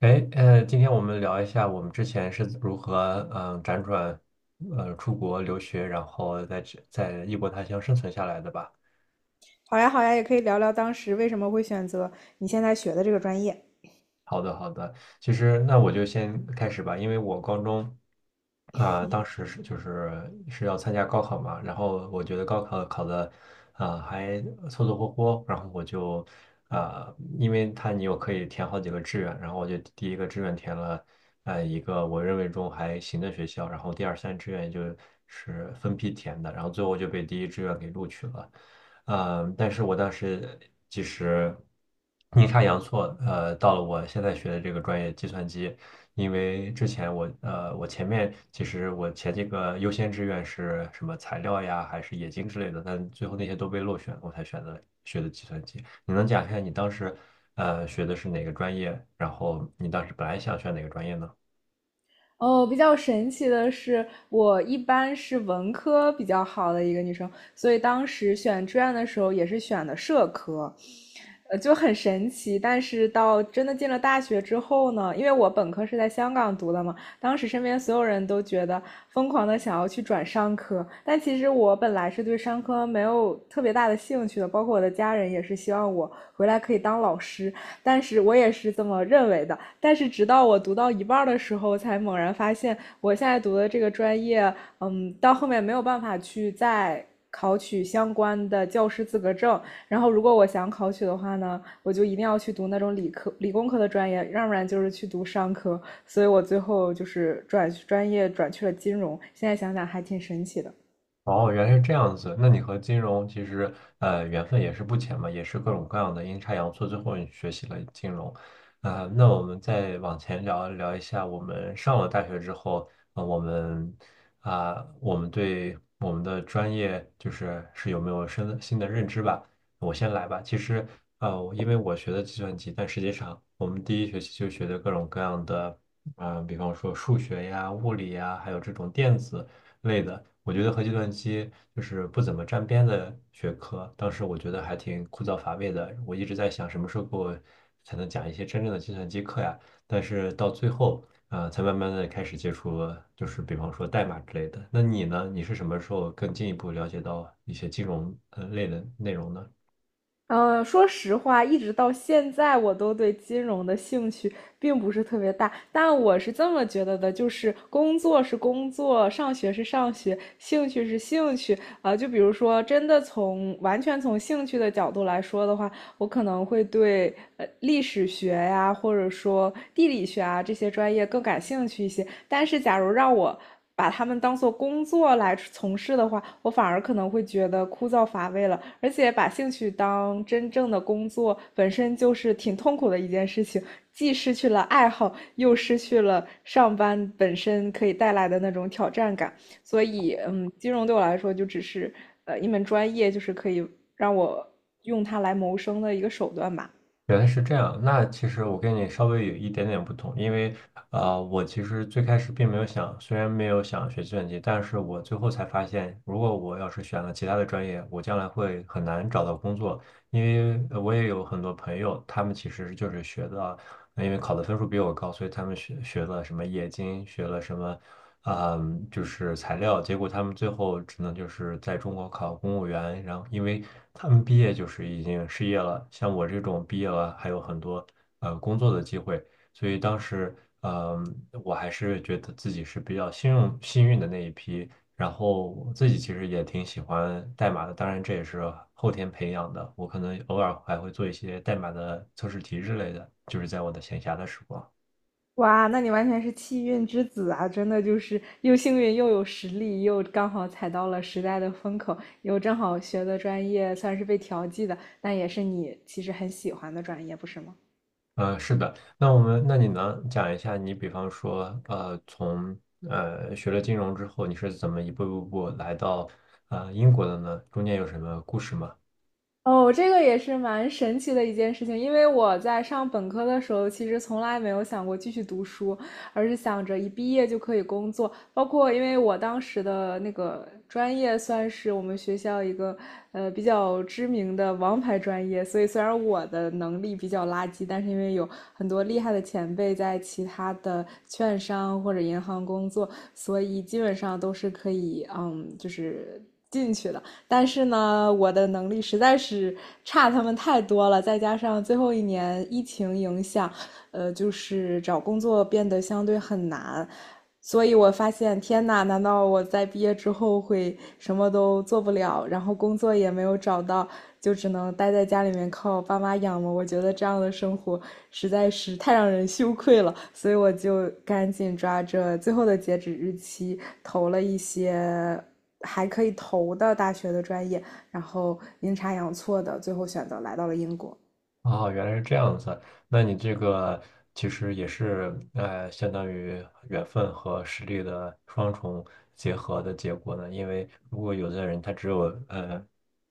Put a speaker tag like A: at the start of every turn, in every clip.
A: 哎，今天我们聊一下我们之前是如何，辗转，出国留学，然后在异国他乡生存下来的吧。
B: 好呀，好呀，也可以聊聊当时为什么会选择你现在学的这个专业。
A: 好的，好的。其实那我就先开始吧，因为我高中当时就是要参加高考嘛，然后我觉得高考考的还凑凑合合，然后我就因为你又可以填好几个志愿，然后我就第一个志愿填了一个我认为中还行的学校，然后第二、三志愿就是分批填的，然后最后就被第一志愿给录取了。但是我当时其实阴差阳错，到了我现在学的这个专业计算机，因为之前我呃，我前面其实我前几个优先志愿是什么材料呀，还是冶金之类的，但最后那些都被落选，我才选择学的计算机。你能讲一下你当时学的是哪个专业，然后你当时本来想选哪个专业呢？
B: 哦，比较神奇的是，我一般是文科比较好的一个女生，所以当时选志愿的时候也是选的社科，就很神奇。但是到真的进了大学之后呢，因为我本科是在香港读的嘛，当时身边所有人都觉得疯狂的想要去转商科，但其实我本来是对商科没有特别大的兴趣的，包括我的家人也是希望我回来可以当老师，但是我也是这么认为的。但是直到我读到一半的时候，才猛然发现，我现在读的这个专业，到后面没有办法去再考取相关的教师资格证。然后，如果我想考取的话呢，我就一定要去读那种理科、理工科的专业，要不然就是去读商科。所以我最后就是转专业转去了金融。现在想想还挺神奇的。
A: 哦，原来是这样子。那你和金融其实缘分也是不浅嘛，也是各种各样的阴差阳错，最后你学习了金融。那我们再往前聊聊一下，我们上了大学之后，啊、我们对我们的专业就是有没有新的认知吧？我先来吧。其实因为我学的计算机，但实际上我们第一学期就学的各种各样的，比方说数学呀、物理呀，还有这种电子类的。我觉得和计算机就是不怎么沾边的学科，当时我觉得还挺枯燥乏味的。我一直在想什么时候给我才能讲一些真正的计算机课呀？但是到最后，才慢慢的开始接触，就是比方说代码之类的。那你呢？你是什么时候更进一步了解到一些金融类的内容呢？
B: 说实话，一直到现在，我都对金融的兴趣并不是特别大。但我是这么觉得的，就是工作是工作，上学是上学，兴趣是兴趣。啊、就比如说，真的从完全从兴趣的角度来说的话，我可能会对历史学呀，或者说地理学啊这些专业更感兴趣一些。但是，假如让我把他们当做工作来从事的话，我反而可能会觉得枯燥乏味了。而且，把兴趣当真正的工作本身就是挺痛苦的一件事情，既失去了爱好，又失去了上班本身可以带来的那种挑战感。所以，金融对我来说就只是一门专业，就是可以让我用它来谋生的一个手段吧。
A: 原来是这样，那其实我跟你稍微有一点点不同，因为我其实最开始并没有想，虽然没有想学计算机，但是我最后才发现，如果我要是选了其他的专业，我将来会很难找到工作，因为我也有很多朋友，他们其实就是学的。那因为考的分数比我高，所以他们学了什么冶金，学了什么，就是材料，结果他们最后只能就是在中国考公务员，然后因为他们毕业就是已经失业了，像我这种毕业了还有很多工作的机会，所以当时嗯，我还是觉得自己是比较幸运的那一批。然后我自己其实也挺喜欢代码的，当然这也是后天培养的。我可能偶尔还会做一些代码的测试题之类的，就是在我的闲暇的时光。
B: 哇，那你完全是气运之子啊！真的就是又幸运又有实力，又刚好踩到了时代的风口，又正好学的专业算是被调剂的，但也是你其实很喜欢的专业，不是吗？
A: 是的，那我们，那你能讲一下你，比方说，从学了金融之后，你是怎么一步一步来到英国的呢？中间有什么故事吗？
B: 哦，这个也是蛮神奇的一件事情，因为我在上本科的时候，其实从来没有想过继续读书，而是想着一毕业就可以工作。包括因为我当时的那个专业算是我们学校一个比较知名的王牌专业，所以虽然我的能力比较垃圾，但是因为有很多厉害的前辈在其他的券商或者银行工作，所以基本上都是可以进去的。但是呢，我的能力实在是差他们太多了，再加上最后一年疫情影响，就是找工作变得相对很难，所以我发现，天呐，难道我在毕业之后会什么都做不了，然后工作也没有找到，就只能待在家里面靠爸妈养吗？我觉得这样的生活实在是太让人羞愧了，所以我就赶紧抓着最后的截止日期投了一些。还可以投的大学的专业，然后阴差阳错的最后选择来到了英国。
A: 哦，原来是这样子。那你这个其实也是，相当于缘分和实力的双重结合的结果呢。因为如果有的人呃，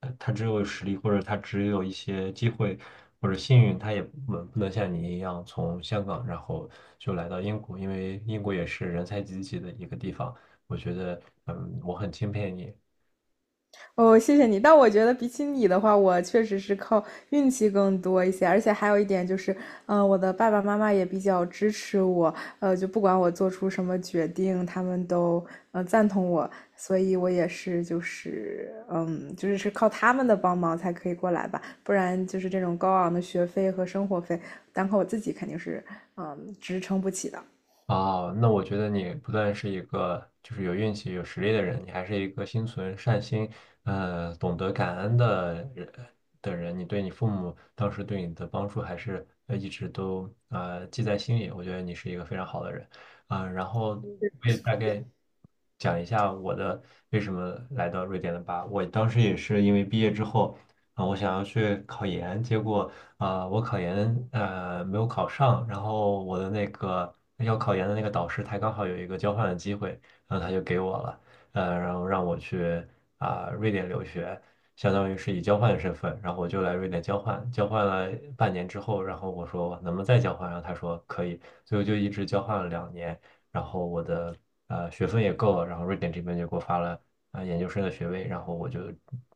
A: 他只有实力，或者他只有一些机会或者幸运，他也不能像你一样从香港然后就来到英国，因为英国也是人才济济的一个地方。我觉得，我很钦佩你。
B: 哦，谢谢你。但我觉得比起你的话，我确实是靠运气更多一些，而且还有一点就是，我的爸爸妈妈也比较支持我，就不管我做出什么决定，他们都赞同我，所以我也是就是靠他们的帮忙才可以过来吧，不然就是这种高昂的学费和生活费，单靠我自己肯定是支撑不起的。
A: 那我觉得你不但是一个就是有运气、有实力的人，你还是一个心存善心，懂得感恩的人。你对你父母当时对你的帮助，还是一直都记在心里。我觉得你是一个非常好的人，然后我也大概讲一下我的为什么来到瑞典的吧。我当时也是因为毕业之后我想要去考研，结果我考研没有考上，然后我的那个要考研的那个导师，他刚好有一个交换的机会，然后他就给我了，然后让我去瑞典留学，相当于是以交换的身份，然后我就来瑞典交换，交换了半年之后，然后我说能不能再交换，然后他说可以，所以我就一直交换了2年，然后我的学分也够了，然后瑞典这边就给我发了研究生的学位，然后我就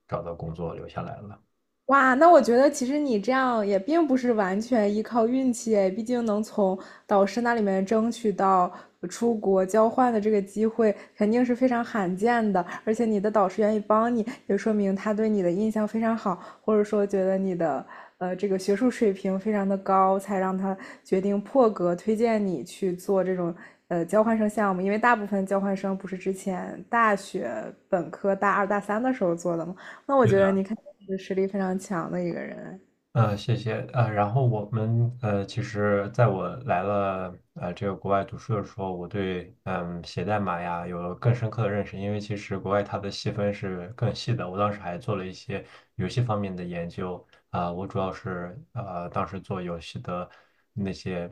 A: 找到工作留下来了。
B: 哇，那我觉得其实你这样也并不是完全依靠运气诶，毕竟能从导师那里面争取到出国交换的这个机会，肯定是非常罕见的。而且你的导师愿意帮你，也说明他对你的印象非常好。或者说觉得你的这个学术水平非常的高，才让他决定破格推荐你去做这种交换生项目。因为大部分交换生不是之前大学本科大二大三的时候做的吗？那我
A: 对，
B: 觉得你肯定是实力非常强的一个人。
A: 谢谢。然后我们其实在我来了这个国外读书的时候，我对写代码呀有了更深刻的认识，因为其实国外它的细分是更细的。我当时还做了一些游戏方面的研究啊，我主要是当时做游戏的那些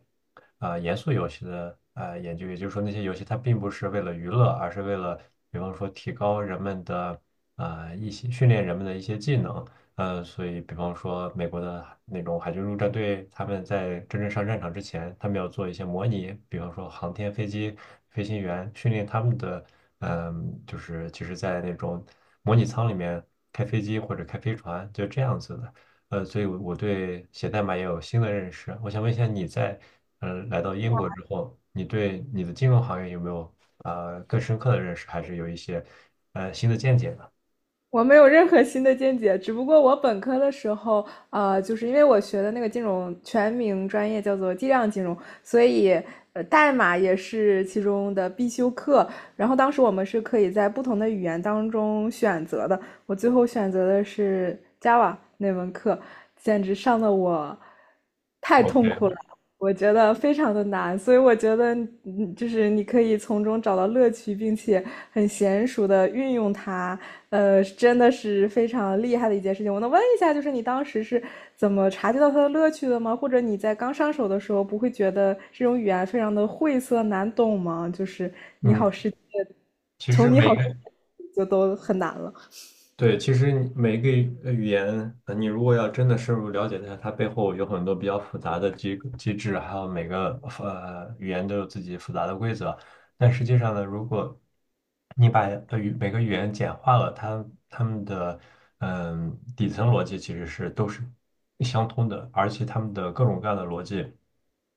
A: 严肃游戏的研究，也就是说那些游戏它并不是为了娱乐，而是为了比方说提高人们的一些训练人们的一些技能。所以比方说美国的那种海军陆战队，他们在真正上战场之前，他们要做一些模拟，比方说航天飞机飞行员训练他们的，就是其实，在那种模拟舱里面开飞机或者开飞船，就这样子的。所以我对写代码也有新的认识。我想问一下，你在来到英国之后，你对你的金融行业有没有更深刻的认识，还是有一些新的见解呢
B: 我没有任何新的见解，只不过我本科的时候，就是因为我学的那个金融全名专业叫做计量金融，所以代码也是其中的必修课。然后当时我们是可以在不同的语言当中选择的，我最后选择的是 Java 那门课，简直上的我太痛苦
A: ？OK，
B: 了。我觉得非常的难，所以我觉得，就是你可以从中找到乐趣，并且很娴熟的运用它，真的是非常厉害的一件事情。我能问一下，就是你当时是怎么察觉到它的乐趣的吗？或者你在刚上手的时候，不会觉得这种语言非常的晦涩难懂吗？就是
A: 嗯，其实
B: 从你
A: 每
B: 好之
A: 个。
B: 前就都很难了。
A: 对，其实你每一个语言，你如果要真的深入了解它，它背后有很多比较复杂的机制，还有每个语言都有自己复杂的规则。但实际上呢，如果你把每个语言简化了，它们的底层逻辑其实都是相通的，而且它们的各种各样的逻辑，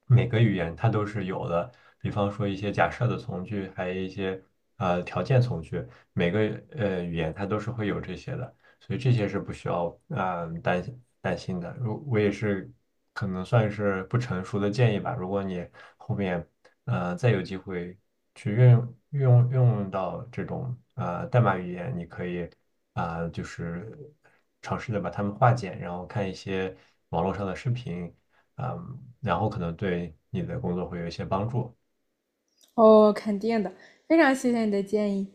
A: 每个语言它都是有的。比方说一些假设的从句，还有一些条件从句。每个语言它都是会有这些的，所以这些是不需要担心担心的。如我也是可能算是不成熟的建议吧，如果你后面再有机会去运用运用到这种代码语言，你可以就是尝试的把它们化简，然后看一些网络上的视频，嗯、然后可能对你的工作会有一些帮助。
B: 哦，肯定的，非常谢谢你的建议。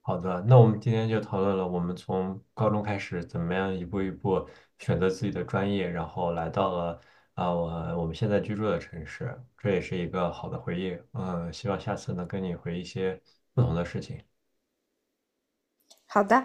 A: 好的，那我们今天就讨论了我们从高中开始怎么样一步一步选择自己的专业，然后来到了啊我我们现在居住的城市，这也是一个好的回忆。嗯，希望下次能跟你回忆一些不同的事情。
B: 好的。